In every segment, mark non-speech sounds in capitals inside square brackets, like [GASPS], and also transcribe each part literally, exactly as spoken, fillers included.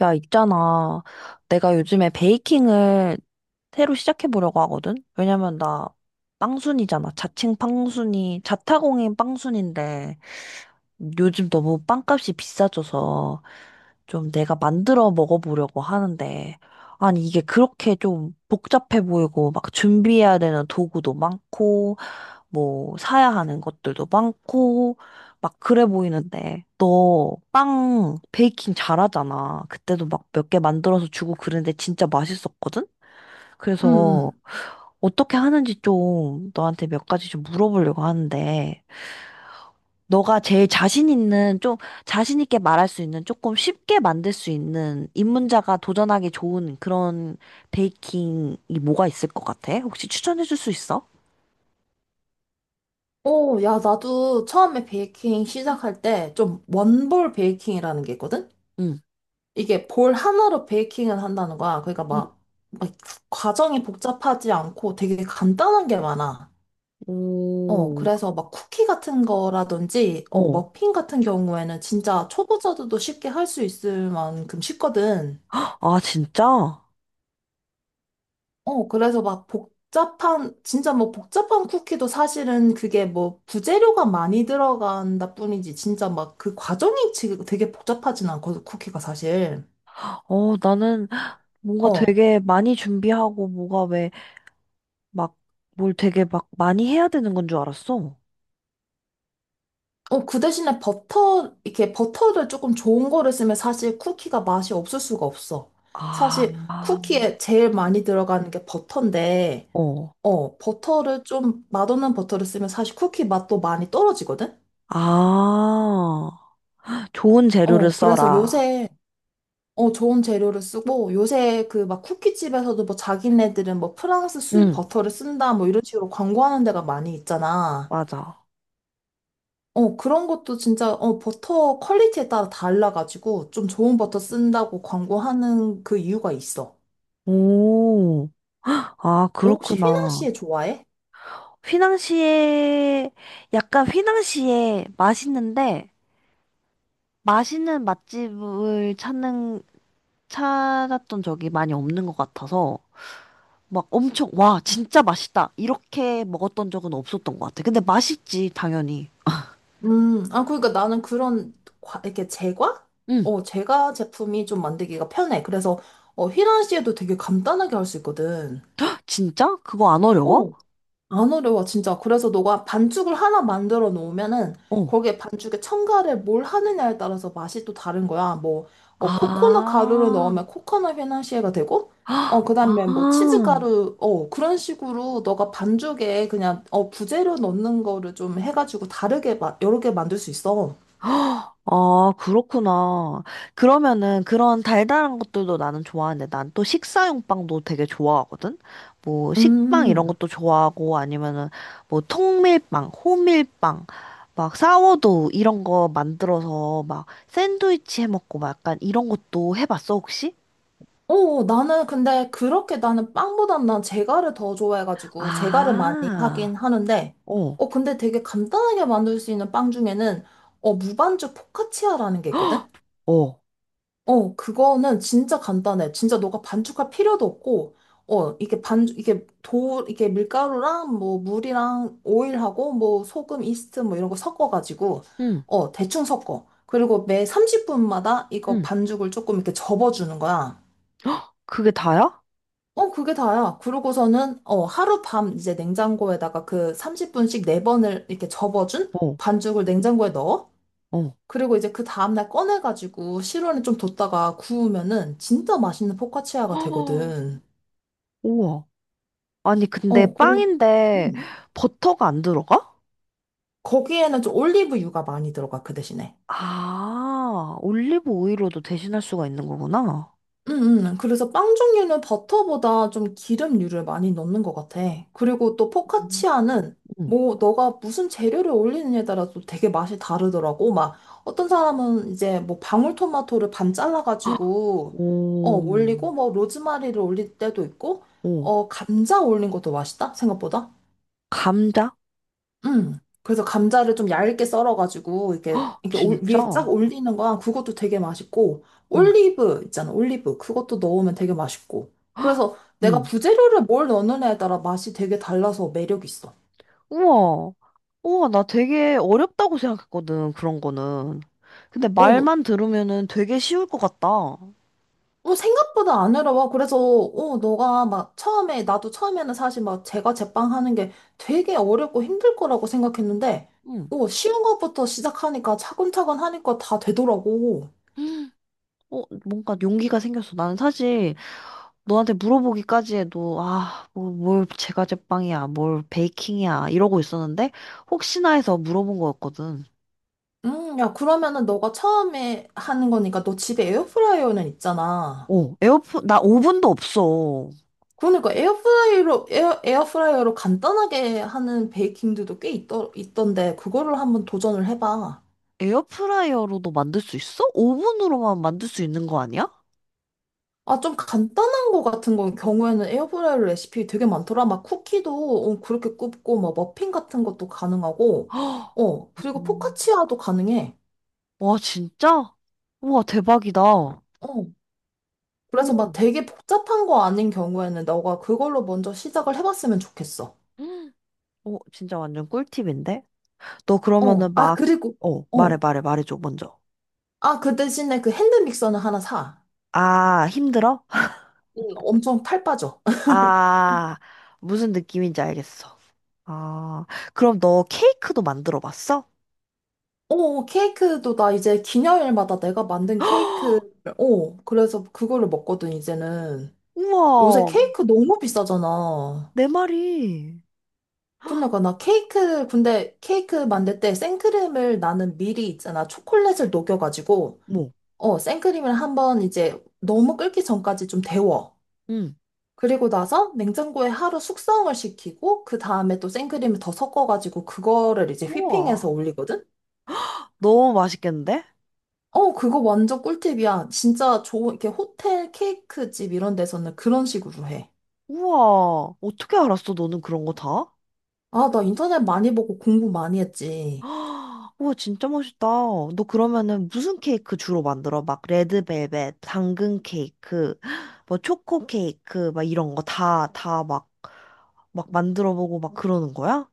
야, 있잖아. 내가 요즘에 베이킹을 새로 시작해보려고 하거든? 왜냐면 나 빵순이잖아. 자칭 빵순이, 자타공인 빵순인데 요즘 너무 빵값이 비싸져서 좀 내가 만들어 먹어보려고 하는데 아니, 이게 그렇게 좀 복잡해 보이고 막 준비해야 되는 도구도 많고 뭐 사야 하는 것들도 많고 막 그래 보이는데 너 빵 베이킹 잘하잖아. 그때도 막 몇 개 만들어서 주고 그랬는데 진짜 맛있었거든? 응, 그래서 응. 어떻게 하는지 좀 너한테 몇 가지 좀 물어보려고 하는데 너가 제일 자신 있는 좀 자신 있게 말할 수 있는 조금 쉽게 만들 수 있는 입문자가 도전하기 좋은 그런 베이킹이 뭐가 있을 것 같아? 혹시 추천해 줄 수 있어? 오, 야, 나도 처음에 베이킹 시작할 때 좀 원볼 베이킹이라는 게 있거든? 응. 이게 볼 하나로 베이킹을 한다는 거야. 그러니까 응. 막, 막 과정이 복잡하지 않고 되게 간단한 게 많아. 어, 오, 그래서 막 쿠키 같은 거라든지, 어, 어. 머핀 같은 경우에는 진짜 초보자들도 쉽게 할 수 있을 만큼 쉽거든. 아, 진짜? 어, 그래서 막 복잡한, 진짜 뭐 복잡한 쿠키도 사실은 그게 뭐 부재료가 많이 들어간다 뿐이지, 진짜 막 그 과정이 지금 되게 복잡하진 않거든, 쿠키가 사실. 어, 나는 뭔가 어. 되게 많이 준비하고 뭐가 왜 막 뭘 되게 막 많이 해야 되는 건 줄 알았어. 어, 그 대신에 버터, 이렇게 버터를 조금 좋은 거를 쓰면 사실 쿠키가 맛이 없을 수가 없어. 아, 사실 아, 쿠키에 제일 많이 들어가는 게 버터인데, 어. 어, 버터를 좀 맛없는 버터를 쓰면 사실 쿠키 맛도 많이 떨어지거든? 아, 좋은 재료를 어, 그래서 써라. 요새 어, 좋은 재료를 쓰고 요새 그 막 쿠키집에서도 뭐 자기네들은 뭐 프랑스 수입 응, 버터를 쓴다 뭐 이런 식으로 광고하는 데가 많이 있잖아. 맞아. 어, 그런 것도 진짜 어, 버터 퀄리티에 따라 달라가지고 좀 좋은 버터 쓴다고 광고하는 그 이유가 있어. 오, 아, 너 혹시 그렇구나. 휘낭시에 좋아해? 휘낭시에, 약간 휘낭시에 맛있는데, 맛있는 맛집을 찾는, 찾았던 적이 많이 없는 것 같아서, 막 엄청, 와, 진짜 맛있다. 이렇게 먹었던 적은 없었던 것 같아. 근데 맛있지, 당연히. 음, 아, 그러니까 나는 그런 과- 이렇게 제과? 응. 어, 제과 제품이 좀 만들기가 편해. 그래서 어, 휘낭시에도 되게 간단하게 할 수 있거든. 진짜? 그거 안 어려워? 어, 안 어려워, 진짜. 그래서 너가 반죽을 하나 만들어 놓으면은 어. 거기에 반죽에 첨가를 뭘 하느냐에 따라서 맛이 또 다른 거야. 뭐, 어, 코코넛 가루를 아. 넣으면 코코넛 휘낭시에가 되고, 어, [GASPS] 그 다음에 뭐 치즈 아. 가루, 어, 그런 식으로 너가 반죽에 그냥, 어, 부재료 넣는 거를 좀 해가지고 다르게, 마, 여러 개 만들 수 있어. 헉, 아, 그렇구나. 그러면은 그런 달달한 것들도 나는 좋아하는데 난 또 식사용 빵도 되게 좋아하거든? 뭐 식빵 이런 음. 것도 좋아하고 아니면은 뭐 통밀빵, 호밀빵, 막 사워도우 이런 거 만들어서 막 샌드위치 해 먹고 막 약간 이런 것도 해봤어 혹시? 어, 어, 나는 근데 그렇게 나는 빵보단 난 제가를 더 좋아해가지고 제가를 많이 하긴 아, 하는데, 어, 어, 근데 되게 간단하게 만들 수 있는 빵 중에는, 어, 무반죽 포카치아라는 게 있거든? 어, 어, 그거는 진짜 간단해. 진짜 너가 반죽할 필요도 없고, 어, 이게 반, 이게 도, 이게 밀가루랑 뭐 물이랑 오일하고 뭐 소금, 이스트 뭐 이런 거 섞어가지고, 응, 어, 대충 섞어. 그리고 매 삼십 분마다 이거 응. 반죽을 조금 이렇게 접어주는 거야. 헉, 그게 다야? 어, 그게 다야. 그러고서는, 어, 하룻밤 이제 냉장고에다가 그 삼십 분씩 네번을 이렇게 접어준 어, 반죽을 냉장고에 넣어. 어. 그리고 이제 그 다음날 꺼내가지고 실온에 좀 뒀다가 구우면은 진짜 맛있는 [GASPS] 헉, 포카치아가 되거든. 우와. 아니, 근데 어, 그리고, 빵인데 음, 버터가 안 들어가? 거기에는 좀 올리브유가 많이 들어가, 그 대신에. 아, 올리브 오일로도 대신할 수가 있는 거구나. 음, 음. 그래서 빵 종류는 버터보다 좀 기름류를 많이 넣는 것 같아. 그리고 또 음. 포카치아는 응. 뭐 너가 무슨 재료를 올리느냐에 따라 또 되게 맛이 다르더라고. 막 어떤 사람은 이제 뭐 방울토마토를 반 잘라가지고 어 오, 올리고 뭐 로즈마리를 올릴 때도 있고 오, 어 감자 올린 것도 맛있다 생각보다. 감자? 음. 그래서 감자를 좀 얇게 썰어가지고 이렇게 이렇게 올- 위에 진짜? 쫙 올리는 거야. 그것도 되게 맛있고 응, 올리브 있잖아. 올리브 그것도 넣으면 되게 맛있고. 그래서 내가 응. 부재료를 뭘 넣느냐에 따라 맛이 되게 달라서 매력 있어. 우와, 우와, 나 되게 어렵다고 생각했거든, 그런 거는. 근데 어, 너- 말만 들으면은 되게 쉬울 것 같다. 어, 생각보다 안 어려워. 그래서 어, 너가 막 처음에 나도 처음에는 사실 막 제가 제빵하는 게 되게 어렵고 힘들 거라고 생각했는데 응. 어, 쉬운 것부터 시작하니까 차근차근 하니까 다 되더라고. 어, 뭔가 용기가 생겼어. 나는 사실 너한테 물어보기까지 해도, 아, 뭐, 뭘 제과제빵이야, 뭘 베이킹이야, 이러고 있었는데, 혹시나 해서 물어본 거였거든. 음, 야, 그러면은 너가 처음에 하는 거니까 너 집에 에어프라이어는 있잖아. 어, 에어프, 나 오븐도 없어. 그러니까 에어프라이어로, 에어, 에어프라이어로 간단하게 하는 베이킹들도 꽤 있더, 있던데, 그거를 한번 도전을 해봐. 에어프라이어로도 만들 수 있어? 오븐으로만 만들 수 있는 거 아니야? 아, 좀 간단한 거 같은 거 경우에는 에어프라이어 레시피 되게 많더라. 막 쿠키도 어, 그렇게 굽고, 막 머핀 같은 것도 [GASPS] 가능하고, 헉, 어, 그리고 음. 포카치아도 가능해. 와, 진짜? 우와, 대박이다. 어, 그래서 막 오, [GASPS] 되게 복잡한 거 아닌 경우에는 너가 그걸로 먼저 시작을 해봤으면 좋겠어. 헉, 오, 진짜 완전 꿀팁인데? 너 어, 그러면은 아, 막, 그리고, 어, 말해, 어. 말해, 말해줘, 먼저. 아, 그 대신에 그 핸드 믹서는 하나 사. 아, 힘들어? 응. 엄청 탈 빠져. [LAUGHS] 아, 무슨 느낌인지 알겠어. 아, 그럼 너 케이크도 만들어 봤어? 어, 케이크도 나 이제 기념일마다 내가 만든 케이크, [GASPS] 어, 그래서 그거를 먹거든, 이제는. 요새 우와, 케이크 너무 비싸잖아. 내 말이. [GASPS] 그러니까 나 케이크, 근데 케이크 만들 때 생크림을 나는 미리 있잖아. 초콜릿을 녹여가지고, 뭐, 어, 생크림을 한번 이제 너무 끓기 전까지 좀 데워. 응. 그리고 나서 냉장고에 하루 숙성을 시키고 그 다음에 또 생크림을 더 섞어가지고 그거를 이제 휘핑해서 우와, 올리거든? 너무 맛있겠는데? 어, 그거 완전 꿀팁이야. 진짜 좋은, 이렇게 호텔 케이크 집 이런 데서는 그런 식으로 해. 우와, 어떻게 알았어, 너는 그런 거 다? 아, 나 인터넷 많이 보고 공부 많이 했지. [GASPS] 우와, 진짜 멋있다. 너 그러면은 무슨 케이크 주로 만들어? 막 레드벨벳, 당근 케이크, [GASPS] 뭐 초코 케이크, 막 이런 거 다, 다 막, 막 만들어 보고 막 그러는 거야?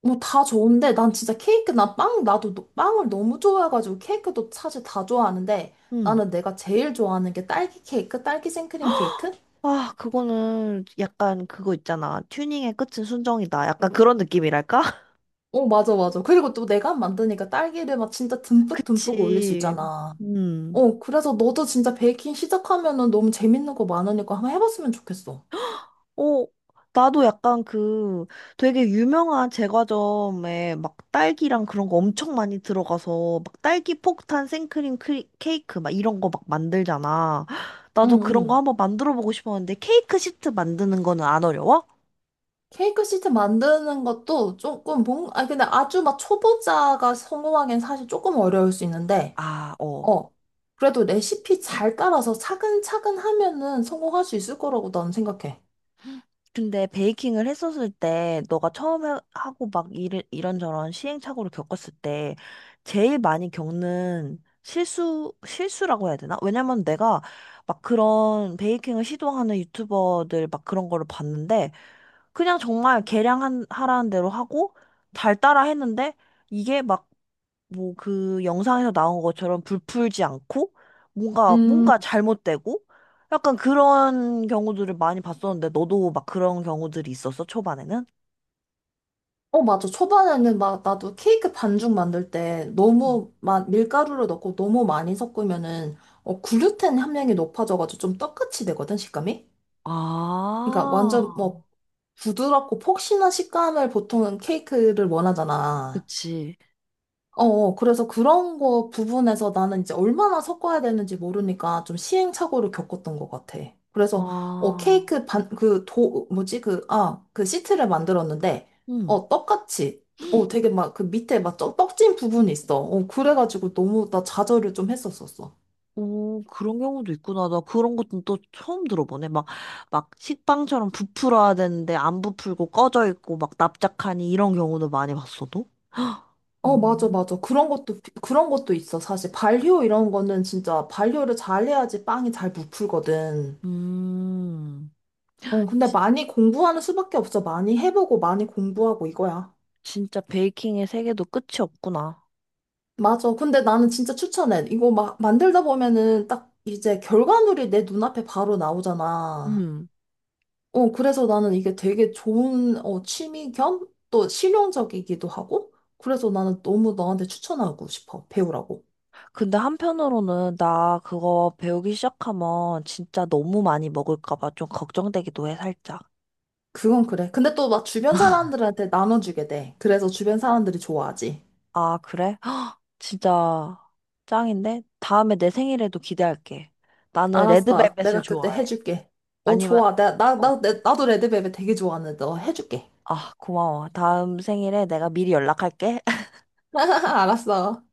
뭐 다 좋은데 난 진짜 케이크, 나 빵, 나도 노- 빵을 너무 좋아해가지고 케이크도 사실 다 좋아하는데 응. 나는 내가 제일 좋아하는 게 딸기 케이크, 딸기 생크림 케이크? 아, 그거는 약간 그거 있잖아. 튜닝의 끝은 순정이다. 약간 그런 느낌이랄까? 어, 맞아, 맞아. 그리고 또 내가 만드니까 딸기를 막 진짜 [LAUGHS] 듬뿍 듬뿍 올릴 수 그치. 있잖아. 음. 어, 그래서 너도 진짜 베이킹 시작하면은 너무 재밌는 거 많으니까 한번 해봤으면 좋겠어. 어, 나도 약간 그 되게 유명한 제과점에 막 딸기랑 그런 거 엄청 많이 들어가서 막 딸기 폭탄 생크림 크리, 케이크 막 이런 거 막 만들잖아. [GASPS] 응, 나도 그런 거 응. 한번 만들어 보고 싶었는데 케이크 시트 만드는 거는 안 어려워? 케이크 시트 만드는 것도 조금 뭔, 아, 근데 아주 막 초보자가 성공하기엔 사실 조금 어려울 수 있는데, 아, 어. 어, 그래도 레시피 잘 따라서 차근차근 하면은 성공할 수 있을 거라고 나는 생각해. 근데 베이킹을 했었을 때 너가 처음 해- 하고 막 일, 이런저런 시행착오를 겪었을 때 제일 많이 겪는 실수, 실수라고 해야 되나? 왜냐면 내가 막 그런 베이킹을 시도하는 유튜버들 막 그런 거를 봤는데 그냥 정말 계량 하라는 대로 하고 잘 따라 했는데 이게 막 뭐 그 영상에서 나온 것처럼 불풀지 않고 뭔가 음. 뭔가 잘못되고 약간 그런 경우들을 많이 봤었는데 너도 막 그런 경우들이 있었어 초반에는? 어, 맞아. 초반에는 막 나도 케이크 반죽 만들 때 음. 너무 막 밀가루를 넣고 너무 많이 섞으면은 어, 글루텐 함량이 높아져가지고 좀 떡같이 되거든, 식감이? 그러니까 완전 아, 뭐 부드럽고 폭신한 식감을 보통은 케이크를 원하잖아. 그치. 어, 어, 그래서 그런 거 부분에서 나는 이제 얼마나 섞어야 되는지 모르니까 좀 시행착오를 겪었던 것 같아. 그래서, 어, 아, 케이크 반, 그 도, 뭐지, 그, 아, 그 시트를 만들었는데, 어, 떡같이, 어, 되게 막 그 밑에 막 쩍- 떡진 부분이 있어. 어, 그래가지고 너무 나 좌절을 좀 했었었어. 오, 그런 경우도 있구나. 나 그런 것도 또 처음 들어보네. 막, 막 식빵처럼 부풀어야 되는데 안 부풀고 꺼져 있고 막 납작하니 이런 경우도 많이 봤어도. 어, 맞아, 음, 맞아. 그런 것도, 비- 그런 것도 있어. 사실 발효 이런 거는 진짜 발효를 잘 해야지 빵이 잘 부풀거든. 음, 어, 근데 많이 공부하는 수밖에 없어. 많이 해보고 많이 공부하고 이거야. 진짜 베이킹의 세계도 끝이 없구나. 맞아. 근데 나는 진짜 추천해. 이거 막 만들다 보면은 딱 이제 결과물이 내 눈앞에 바로 나오잖아. 음. 어, 그래서 나는 이게 되게 좋은 어, 취미 겸 또 실용적이기도 하고. 그래서 나는 너무 너한테 추천하고 싶어. 배우라고. 근데 한편으로는 나 그거 배우기 시작하면 진짜 너무 많이 먹을까 봐 좀 걱정되기도 해, 살짝. 그건 그래. 근데 또 막 주변 사람들한테 나눠주게 돼. 그래서 주변 사람들이 좋아하지. 아, 그래? [GASPS] 진짜 짱인데? 다음에 내 생일에도 기대할게. 나는 알았어. 레드벨벳을 내가 그때 좋아해. 해줄게. 어, 아니면, 좋아. 나, 나, 어, 나, 나- 나도 레드벨벳 되게 좋아하는데 너 해줄게. 아, 고마워. 다음 생일에 내가 미리 연락할게. [LAUGHS] 알았어.